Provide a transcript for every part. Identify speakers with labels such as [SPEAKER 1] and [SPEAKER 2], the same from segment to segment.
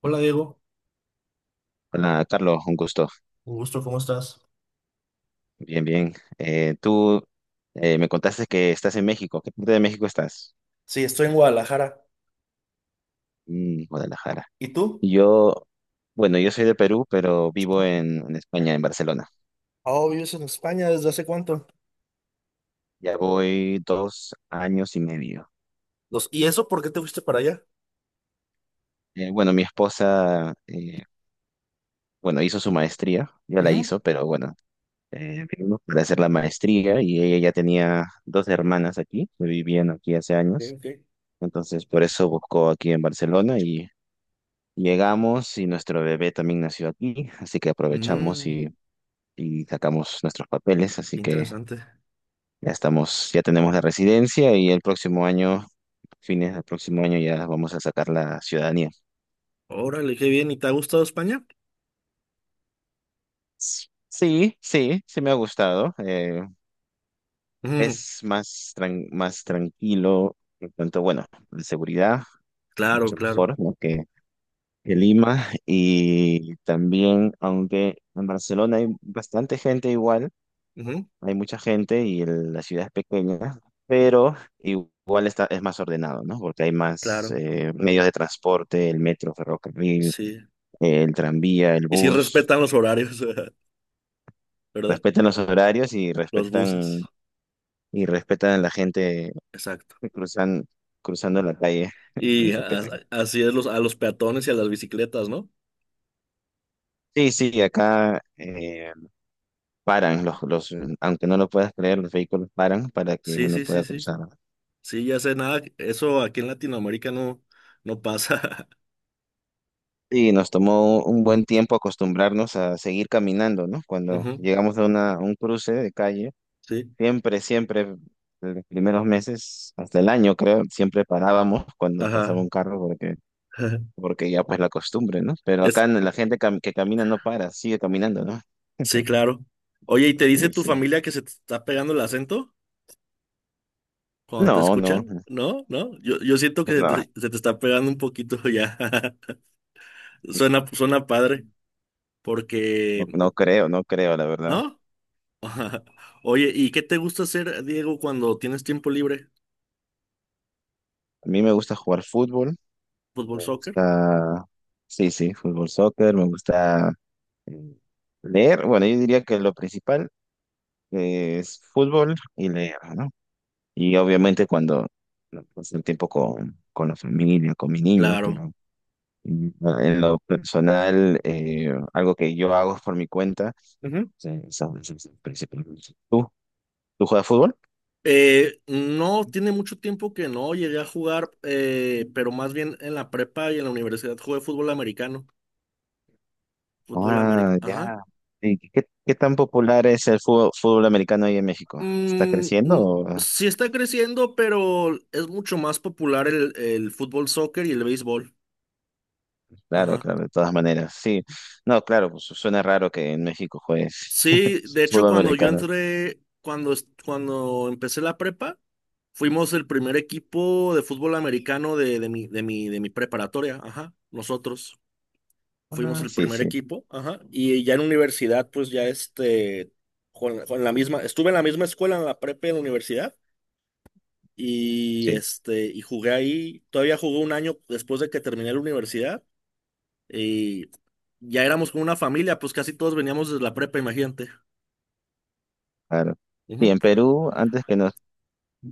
[SPEAKER 1] Hola Diego,
[SPEAKER 2] Hola, Carlos, un gusto.
[SPEAKER 1] un gusto, ¿cómo estás?
[SPEAKER 2] Bien, bien. Tú me contaste que estás en México. ¿Qué parte de México estás?
[SPEAKER 1] Sí, estoy en Guadalajara.
[SPEAKER 2] Mm, Guadalajara.
[SPEAKER 1] ¿Y tú?
[SPEAKER 2] Yo, bueno, yo soy de Perú, pero vivo
[SPEAKER 1] Ah,
[SPEAKER 2] en España, en Barcelona.
[SPEAKER 1] oh, vives en España desde hace cuánto.
[SPEAKER 2] Ya voy 2 años y medio.
[SPEAKER 1] ¿Y eso por qué te fuiste para allá?
[SPEAKER 2] Bueno, mi esposa, bueno, hizo su maestría, ya la
[SPEAKER 1] Ujú.
[SPEAKER 2] hizo, pero bueno, vinimos para hacer la maestría y ella ya tenía dos hermanas aquí, que vivían aquí hace
[SPEAKER 1] Ok,
[SPEAKER 2] años.
[SPEAKER 1] ok.
[SPEAKER 2] Entonces, por eso buscó aquí en Barcelona y llegamos, y nuestro bebé también nació aquí, así que aprovechamos
[SPEAKER 1] Mm,
[SPEAKER 2] y sacamos nuestros papeles, así
[SPEAKER 1] qué
[SPEAKER 2] que
[SPEAKER 1] interesante.
[SPEAKER 2] ya estamos, ya tenemos la residencia y fines del próximo año ya vamos a sacar la ciudadanía.
[SPEAKER 1] Órale, qué bien. ¿Y te ha gustado España?
[SPEAKER 2] Sí, sí, sí me ha gustado. eh,
[SPEAKER 1] Ujú,
[SPEAKER 2] es más, más tranquilo, en cuanto, bueno, de seguridad,
[SPEAKER 1] claro,
[SPEAKER 2] mucho
[SPEAKER 1] claro.
[SPEAKER 2] mejor, ¿no? que Lima. Y también, aunque en Barcelona hay bastante gente igual,
[SPEAKER 1] Ujú,
[SPEAKER 2] hay mucha gente y la ciudad es pequeña, pero igual está, es más ordenado, ¿no? Porque hay más
[SPEAKER 1] claro,
[SPEAKER 2] medios de transporte: el metro, ferrocarril,
[SPEAKER 1] sí.
[SPEAKER 2] el tranvía, el
[SPEAKER 1] Y sí
[SPEAKER 2] bus,
[SPEAKER 1] respetan los horarios, ¿verdad?
[SPEAKER 2] respetan los horarios y
[SPEAKER 1] Los buses.
[SPEAKER 2] respetan y respetan a la gente
[SPEAKER 1] Exacto.
[SPEAKER 2] que cruzan, cruzando la calle,
[SPEAKER 1] Y
[SPEAKER 2] los
[SPEAKER 1] a- a-
[SPEAKER 2] respetan.
[SPEAKER 1] Así es los, a los peatones y a las bicicletas, ¿no?
[SPEAKER 2] Sí, sí, acá paran aunque no lo puedas creer, los vehículos paran para que
[SPEAKER 1] Sí,
[SPEAKER 2] uno
[SPEAKER 1] sí, sí,
[SPEAKER 2] pueda
[SPEAKER 1] sí.
[SPEAKER 2] cruzar.
[SPEAKER 1] Sí, ya sé nada, eso aquí en Latinoamérica no pasa.
[SPEAKER 2] Y nos tomó un buen tiempo acostumbrarnos a seguir caminando, ¿no? Cuando
[SPEAKER 1] Ujú,
[SPEAKER 2] llegamos a a un cruce de calle,
[SPEAKER 1] sí,
[SPEAKER 2] siempre, siempre, en los primeros meses, hasta el año creo, siempre parábamos cuando pasaba
[SPEAKER 1] ajá.
[SPEAKER 2] un carro porque ya pues la costumbre, ¿no? Pero
[SPEAKER 1] Es,
[SPEAKER 2] acá la gente que camina no para, sigue caminando, ¿no?
[SPEAKER 1] sí, claro. Oye, ¿y te dice
[SPEAKER 2] Sí,
[SPEAKER 1] tu
[SPEAKER 2] sí.
[SPEAKER 1] familia que se te está pegando el acento cuando te
[SPEAKER 2] No, no,
[SPEAKER 1] escuchan? No, no, yo siento que
[SPEAKER 2] no,
[SPEAKER 1] se te está pegando un poquito ya. Suena padre,
[SPEAKER 2] no,
[SPEAKER 1] porque,
[SPEAKER 2] no creo, la verdad.
[SPEAKER 1] ¿no? Oye, ¿y qué te gusta hacer, Diego, cuando tienes tiempo libre?
[SPEAKER 2] A mí me gusta jugar fútbol,
[SPEAKER 1] ¿Fútbol,
[SPEAKER 2] me
[SPEAKER 1] soccer?
[SPEAKER 2] gusta, sí, sí, fútbol, soccer, me gusta Mm, leer, bueno, yo diría que lo principal es fútbol y leer, ¿no? Y obviamente cuando no, paso el tiempo con la familia, con mis niños,
[SPEAKER 1] Claro.
[SPEAKER 2] pero mm, en lo personal, algo que yo hago por mi cuenta, sí, eso es principalmente. ¿Tú juegas fútbol?
[SPEAKER 1] No, tiene mucho tiempo que no llegué a jugar, pero más bien en la prepa y en la universidad jugué fútbol americano. Fútbol
[SPEAKER 2] Ah,
[SPEAKER 1] americano. Ajá.
[SPEAKER 2] ya. ¿Y qué tan popular es el fútbol americano ahí en México? ¿Está
[SPEAKER 1] Mm,
[SPEAKER 2] creciendo?
[SPEAKER 1] mm,
[SPEAKER 2] o-
[SPEAKER 1] sí está creciendo, pero es mucho más popular el fútbol soccer y el béisbol.
[SPEAKER 2] Claro,
[SPEAKER 1] Ajá.
[SPEAKER 2] claro, de todas maneras, sí. No, claro, pues suena raro que en México juegues
[SPEAKER 1] Sí, de hecho,
[SPEAKER 2] fútbol
[SPEAKER 1] cuando yo
[SPEAKER 2] americano.
[SPEAKER 1] entré, cuando empecé la prepa, fuimos el primer equipo de fútbol americano de mi preparatoria. Ajá. Nosotros fuimos
[SPEAKER 2] Ah,
[SPEAKER 1] el
[SPEAKER 2] sí,
[SPEAKER 1] primer
[SPEAKER 2] sí,
[SPEAKER 1] equipo, ajá, y ya en universidad, pues ya este, con la misma, estuve en la misma escuela, en la prepa y en la universidad, y
[SPEAKER 2] sí,
[SPEAKER 1] este, y jugué ahí, todavía jugué un año después de que terminé la universidad, y ya éramos como una familia, pues casi todos veníamos desde la prepa, imagínate.
[SPEAKER 2] claro. Y
[SPEAKER 1] Ujú,
[SPEAKER 2] en Perú, antes que nos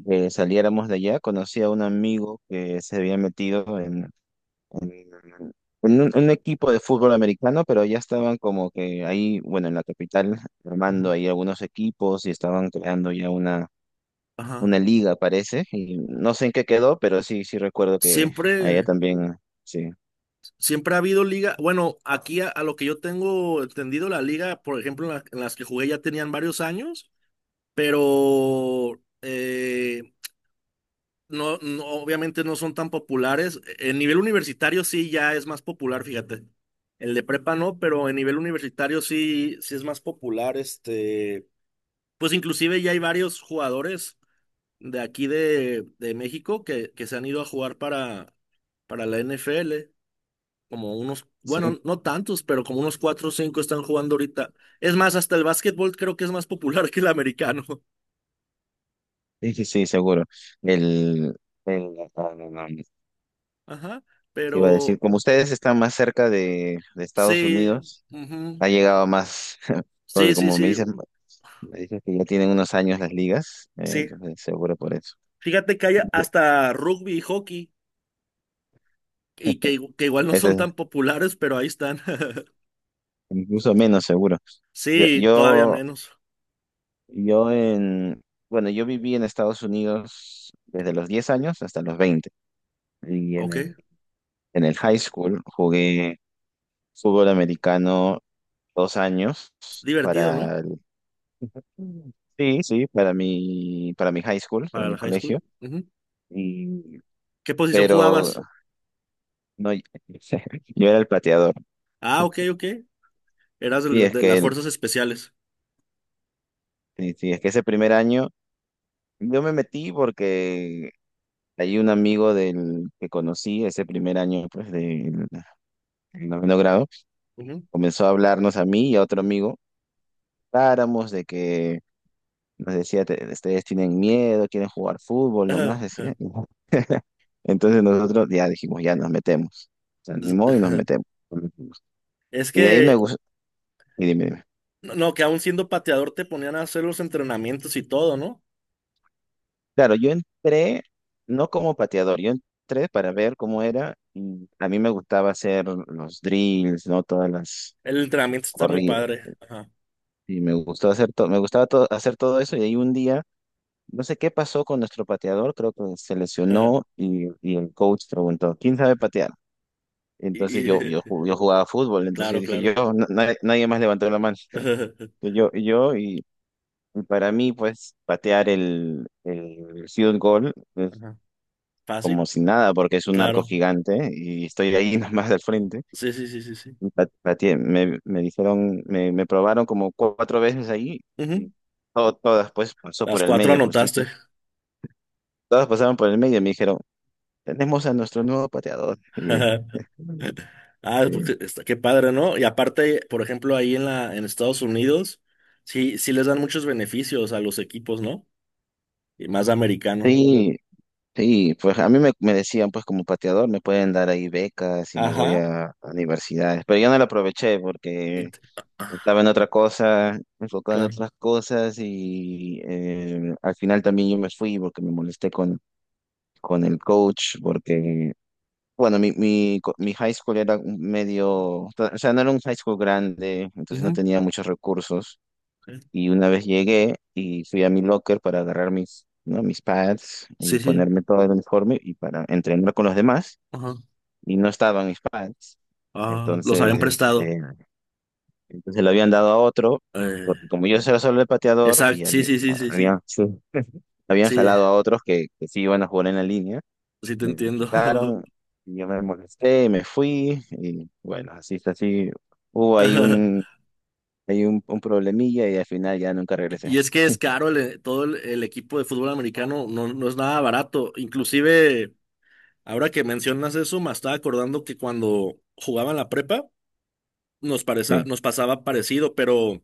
[SPEAKER 2] saliéramos de allá, conocí a un amigo que se había metido en- en un equipo de fútbol americano, pero ya estaban como que ahí, bueno, en la capital, armando
[SPEAKER 1] ujú,
[SPEAKER 2] ahí algunos equipos y estaban creando ya una,
[SPEAKER 1] ajá.
[SPEAKER 2] una liga, parece. Y no sé en qué quedó, pero sí, sí recuerdo que allá
[SPEAKER 1] Siempre,
[SPEAKER 2] también, sí,
[SPEAKER 1] siempre ha habido liga, bueno, aquí a lo que yo tengo entendido, la liga, por ejemplo, en las que jugué ya tenían varios años, pero... no, no, obviamente no son tan populares. En nivel universitario sí ya es más popular, fíjate. El de prepa no, pero en nivel universitario sí, sí es más popular. Este, pues inclusive ya hay varios jugadores de aquí de México que se han ido a jugar para la NFL. Como unos,
[SPEAKER 2] sí,
[SPEAKER 1] bueno, no tantos, pero como unos cuatro o cinco están jugando ahorita. Es más, hasta el básquetbol creo que es más popular que el americano.
[SPEAKER 2] sí, sí, sí, seguro. El, no, no, no.
[SPEAKER 1] Ajá.
[SPEAKER 2] Te iba a decir,
[SPEAKER 1] Pero
[SPEAKER 2] como ustedes están más cerca de Estados
[SPEAKER 1] sí.
[SPEAKER 2] Unidos,
[SPEAKER 1] Ujú.
[SPEAKER 2] ha llegado más, porque
[SPEAKER 1] Sí, sí, sí.
[SPEAKER 2] me dicen que ya tienen unos años las ligas,
[SPEAKER 1] Sí,
[SPEAKER 2] entonces seguro por eso.
[SPEAKER 1] fíjate que hay hasta rugby y hockey, que igual no
[SPEAKER 2] Este es
[SPEAKER 1] son tan populares, pero ahí están.
[SPEAKER 2] incluso menos seguro. Yo,
[SPEAKER 1] Sí, todavía
[SPEAKER 2] yo,
[SPEAKER 1] menos.
[SPEAKER 2] yo en, bueno, yo viví en Estados Unidos desde los 10 años hasta los 20. Y en
[SPEAKER 1] Ok,
[SPEAKER 2] el high school jugué fútbol americano 2 años.
[SPEAKER 1] divertido, ¿no?
[SPEAKER 2] Para Mm. Sí, sí, para mi high school, para
[SPEAKER 1] Para la
[SPEAKER 2] mi
[SPEAKER 1] high
[SPEAKER 2] colegio.
[SPEAKER 1] school. Ujú.
[SPEAKER 2] Y,
[SPEAKER 1] ¿Qué posición
[SPEAKER 2] pero
[SPEAKER 1] jugabas?
[SPEAKER 2] no, yo era el plateador.
[SPEAKER 1] Ah, ok, ok. Eras
[SPEAKER 2] Sí,
[SPEAKER 1] de las fuerzas especiales.
[SPEAKER 2] sí, sí, es que ese primer año yo me metí porque hay un amigo del que conocí ese primer año pues del noveno grado,
[SPEAKER 1] Ujú.
[SPEAKER 2] comenzó a hablarnos a mí y a otro amigo, paramos de que nos decía: Ustedes tienen miedo, quieren jugar fútbol",
[SPEAKER 1] Ajá,
[SPEAKER 2] nomás decía.
[SPEAKER 1] ajá.
[SPEAKER 2] Entonces nosotros ya dijimos, ya nos metemos. Se
[SPEAKER 1] Es
[SPEAKER 2] animó y nos
[SPEAKER 1] ajá.
[SPEAKER 2] metemos.
[SPEAKER 1] Es
[SPEAKER 2] Y de ahí me
[SPEAKER 1] que,
[SPEAKER 2] gusta. Y dime, dime.
[SPEAKER 1] no, no, que aún siendo pateador te ponían a hacer los entrenamientos y todo, ¿no?
[SPEAKER 2] Claro, yo entré no como pateador, yo entré para ver cómo era y a mí me gustaba hacer los drills, ¿no? Todas las
[SPEAKER 1] El entrenamiento está muy
[SPEAKER 2] corridas
[SPEAKER 1] padre. Ajá.
[SPEAKER 2] y me gustó hacer todo, me gustaba hacer todo eso. Y ahí un día, no sé qué pasó con nuestro pateador, creo que se
[SPEAKER 1] Ajá.
[SPEAKER 2] lesionó y el coach preguntó: ¿Quién sabe patear?
[SPEAKER 1] Y,
[SPEAKER 2] Entonces yo, yo,
[SPEAKER 1] y-
[SPEAKER 2] ju- yo jugaba fútbol, entonces yo
[SPEAKER 1] claro,
[SPEAKER 2] dije,
[SPEAKER 1] claro.
[SPEAKER 2] yo, nadie, nadie más levantó la mano. Y yo, y yo y... Y para mí, pues, patear el field goal
[SPEAKER 1] Ajá.
[SPEAKER 2] como
[SPEAKER 1] Fácil,
[SPEAKER 2] si nada, porque es un narco
[SPEAKER 1] claro.
[SPEAKER 2] gigante y estoy ahí nomás al frente.
[SPEAKER 1] Sí, sí, sí, sí, sí.
[SPEAKER 2] Y pateé. Me dijeron, me probaron como cuatro veces ahí y
[SPEAKER 1] Ujú.
[SPEAKER 2] todas pues pasó por
[SPEAKER 1] Las
[SPEAKER 2] el
[SPEAKER 1] cuatro
[SPEAKER 2] medio
[SPEAKER 1] anotaste.
[SPEAKER 2] justito. Todas pasaron por el medio y me dijeron: tenemos a nuestro nuevo pateador. Y,
[SPEAKER 1] Ah,
[SPEAKER 2] sí,
[SPEAKER 1] porque está, qué padre, ¿no? Y aparte, por ejemplo, ahí en la, en Estados Unidos, sí, sí les dan muchos beneficios a los equipos, ¿no? Y más americano.
[SPEAKER 2] sí, sí, pues a mí me decían pues como pateador me pueden dar ahí becas y me voy
[SPEAKER 1] Ajá.
[SPEAKER 2] a universidades, pero yo no lo aproveché
[SPEAKER 1] Y
[SPEAKER 2] porque
[SPEAKER 1] t-
[SPEAKER 2] estaba
[SPEAKER 1] ah,
[SPEAKER 2] en otra cosa, enfocado en
[SPEAKER 1] claro.
[SPEAKER 2] otras cosas y al final también yo me fui porque me molesté con el coach, porque, bueno, mi high school era un medio, o sea, no era un high school grande, entonces no
[SPEAKER 1] Ujú.
[SPEAKER 2] tenía muchos recursos. Y una vez llegué y fui a mi locker para agarrar mis, ¿no? mis pads
[SPEAKER 1] Sí,
[SPEAKER 2] y
[SPEAKER 1] sí.
[SPEAKER 2] ponerme todo el uniforme y para entrenar con los demás,
[SPEAKER 1] Ajá.
[SPEAKER 2] y no estaban mis pads.
[SPEAKER 1] Ah, los habían
[SPEAKER 2] Entonces,
[SPEAKER 1] prestado.
[SPEAKER 2] eh, Entonces lo habían dado a otro,
[SPEAKER 1] Eh,
[SPEAKER 2] porque como yo era solo el pateador
[SPEAKER 1] exacto.
[SPEAKER 2] y
[SPEAKER 1] Sí, sí, sí, sí, sí.
[SPEAKER 2] sí, habían
[SPEAKER 1] Sí,
[SPEAKER 2] jalado a otros que sí iban a jugar en la línea,
[SPEAKER 1] sí te
[SPEAKER 2] me lo
[SPEAKER 1] entiendo.
[SPEAKER 2] quitaron, y yo me molesté, me fui, y bueno, así está, así hubo ahí un, hay un problemilla y al final ya nunca regresé.
[SPEAKER 1] Y es que es caro todo el equipo de fútbol americano, no, no es nada barato. Inclusive, ahora que mencionas eso, me estaba acordando que cuando jugaban la prepa,
[SPEAKER 2] Sí.
[SPEAKER 1] nos pasaba parecido, pero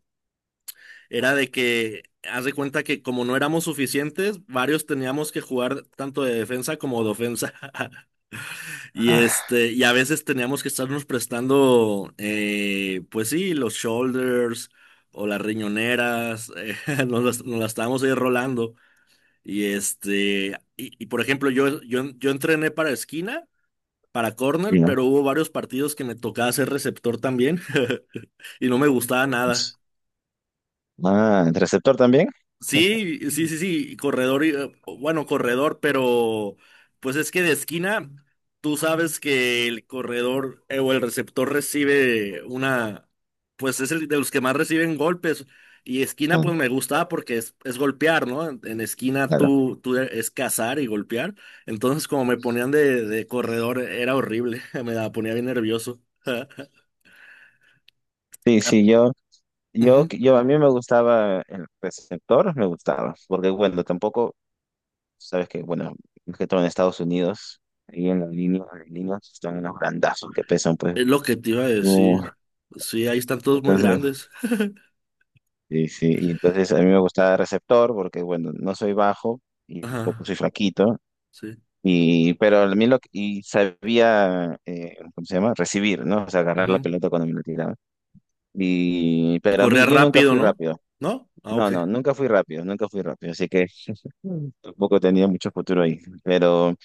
[SPEAKER 1] era de que, haz de cuenta que como no éramos suficientes, varios teníamos que jugar tanto de defensa como de ofensa. Y
[SPEAKER 2] Ah,
[SPEAKER 1] este, y a veces teníamos que estarnos prestando, pues sí, los shoulders o las riñoneras, nos las estábamos ahí rolando. Y este, por ejemplo, yo entrené para esquina, para
[SPEAKER 2] sí,
[SPEAKER 1] corner,
[SPEAKER 2] ¿no?
[SPEAKER 1] pero hubo varios partidos que me tocaba ser receptor también y no me gustaba
[SPEAKER 2] Pues,
[SPEAKER 1] nada.
[SPEAKER 2] ah, ¿el receptor también?
[SPEAKER 1] Sí, sí, sí, sí, corredor, bueno, corredor, pero pues es que de esquina, tú sabes que el corredor o el receptor recibe una, pues es el de los que más reciben golpes. Y esquina,
[SPEAKER 2] Ah,
[SPEAKER 1] pues me gusta porque es golpear, ¿no? En esquina
[SPEAKER 2] claro.
[SPEAKER 1] tú, es cazar y golpear. Entonces, como me ponían de corredor, era horrible, me la ponía bien nervioso.
[SPEAKER 2] Sí,
[SPEAKER 1] Ah,
[SPEAKER 2] sí, yo, yo,
[SPEAKER 1] ujú,
[SPEAKER 2] yo a mí me gustaba el receptor, me gustaba, porque bueno, tampoco. Sabes que, bueno, es que todo en Estados Unidos, ahí en las líneas están unos grandazos que pesan, pues.
[SPEAKER 1] es lo que te iba a
[SPEAKER 2] Uh,
[SPEAKER 1] decir. Sí, ahí están todos muy
[SPEAKER 2] entonces,
[SPEAKER 1] grandes.
[SPEAKER 2] sí, sí, y entonces a mí me gustaba receptor porque, bueno, no soy bajo y tampoco
[SPEAKER 1] Ajá.
[SPEAKER 2] soy flaquito,
[SPEAKER 1] Sí.
[SPEAKER 2] pero a mí y sabía, ¿cómo se llama? Recibir, ¿no? O sea, agarrar la
[SPEAKER 1] Ujú.
[SPEAKER 2] pelota cuando me la tiraban.
[SPEAKER 1] Y
[SPEAKER 2] Pero a
[SPEAKER 1] corría
[SPEAKER 2] mí, yo nunca
[SPEAKER 1] rápido,
[SPEAKER 2] fui
[SPEAKER 1] ¿no?
[SPEAKER 2] rápido.
[SPEAKER 1] ¿No? Ah,
[SPEAKER 2] No,
[SPEAKER 1] ok.
[SPEAKER 2] no, nunca fui rápido, nunca fui rápido, así que Mm. tampoco tenía mucho futuro ahí. Pero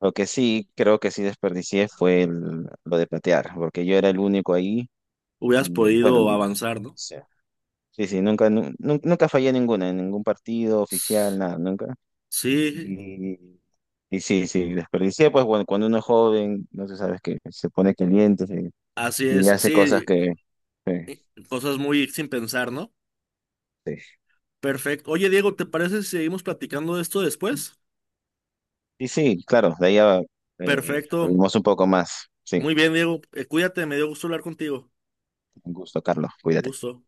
[SPEAKER 2] lo que sí, creo que sí desperdicié fue lo de patear, porque yo era el único ahí
[SPEAKER 1] Hubieras
[SPEAKER 2] y bueno,
[SPEAKER 1] podido
[SPEAKER 2] o
[SPEAKER 1] avanzar, ¿no?
[SPEAKER 2] sea, sí, sí, nunca, nu- nu- nunca fallé ninguna, en ningún partido oficial, nada, nunca.
[SPEAKER 1] Sí,
[SPEAKER 2] Y, y sí, sí, desperdicié, pues bueno, cuando uno es joven, no sé, sabes que se pone caliente
[SPEAKER 1] así es.
[SPEAKER 2] y hace cosas
[SPEAKER 1] Sí,
[SPEAKER 2] que. Sí,
[SPEAKER 1] eh, cosas muy sin pensar, ¿no?
[SPEAKER 2] sí.
[SPEAKER 1] Perfecto. Oye, Diego, ¿te parece si seguimos platicando de esto después?
[SPEAKER 2] Y sí, claro, de ahí ya
[SPEAKER 1] Perfecto.
[SPEAKER 2] hablamos un poco más. Sí,
[SPEAKER 1] Muy bien, Diego. Cuídate, me dio gusto hablar contigo.
[SPEAKER 2] un gusto, Carlos, cuídate.
[SPEAKER 1] Gusto.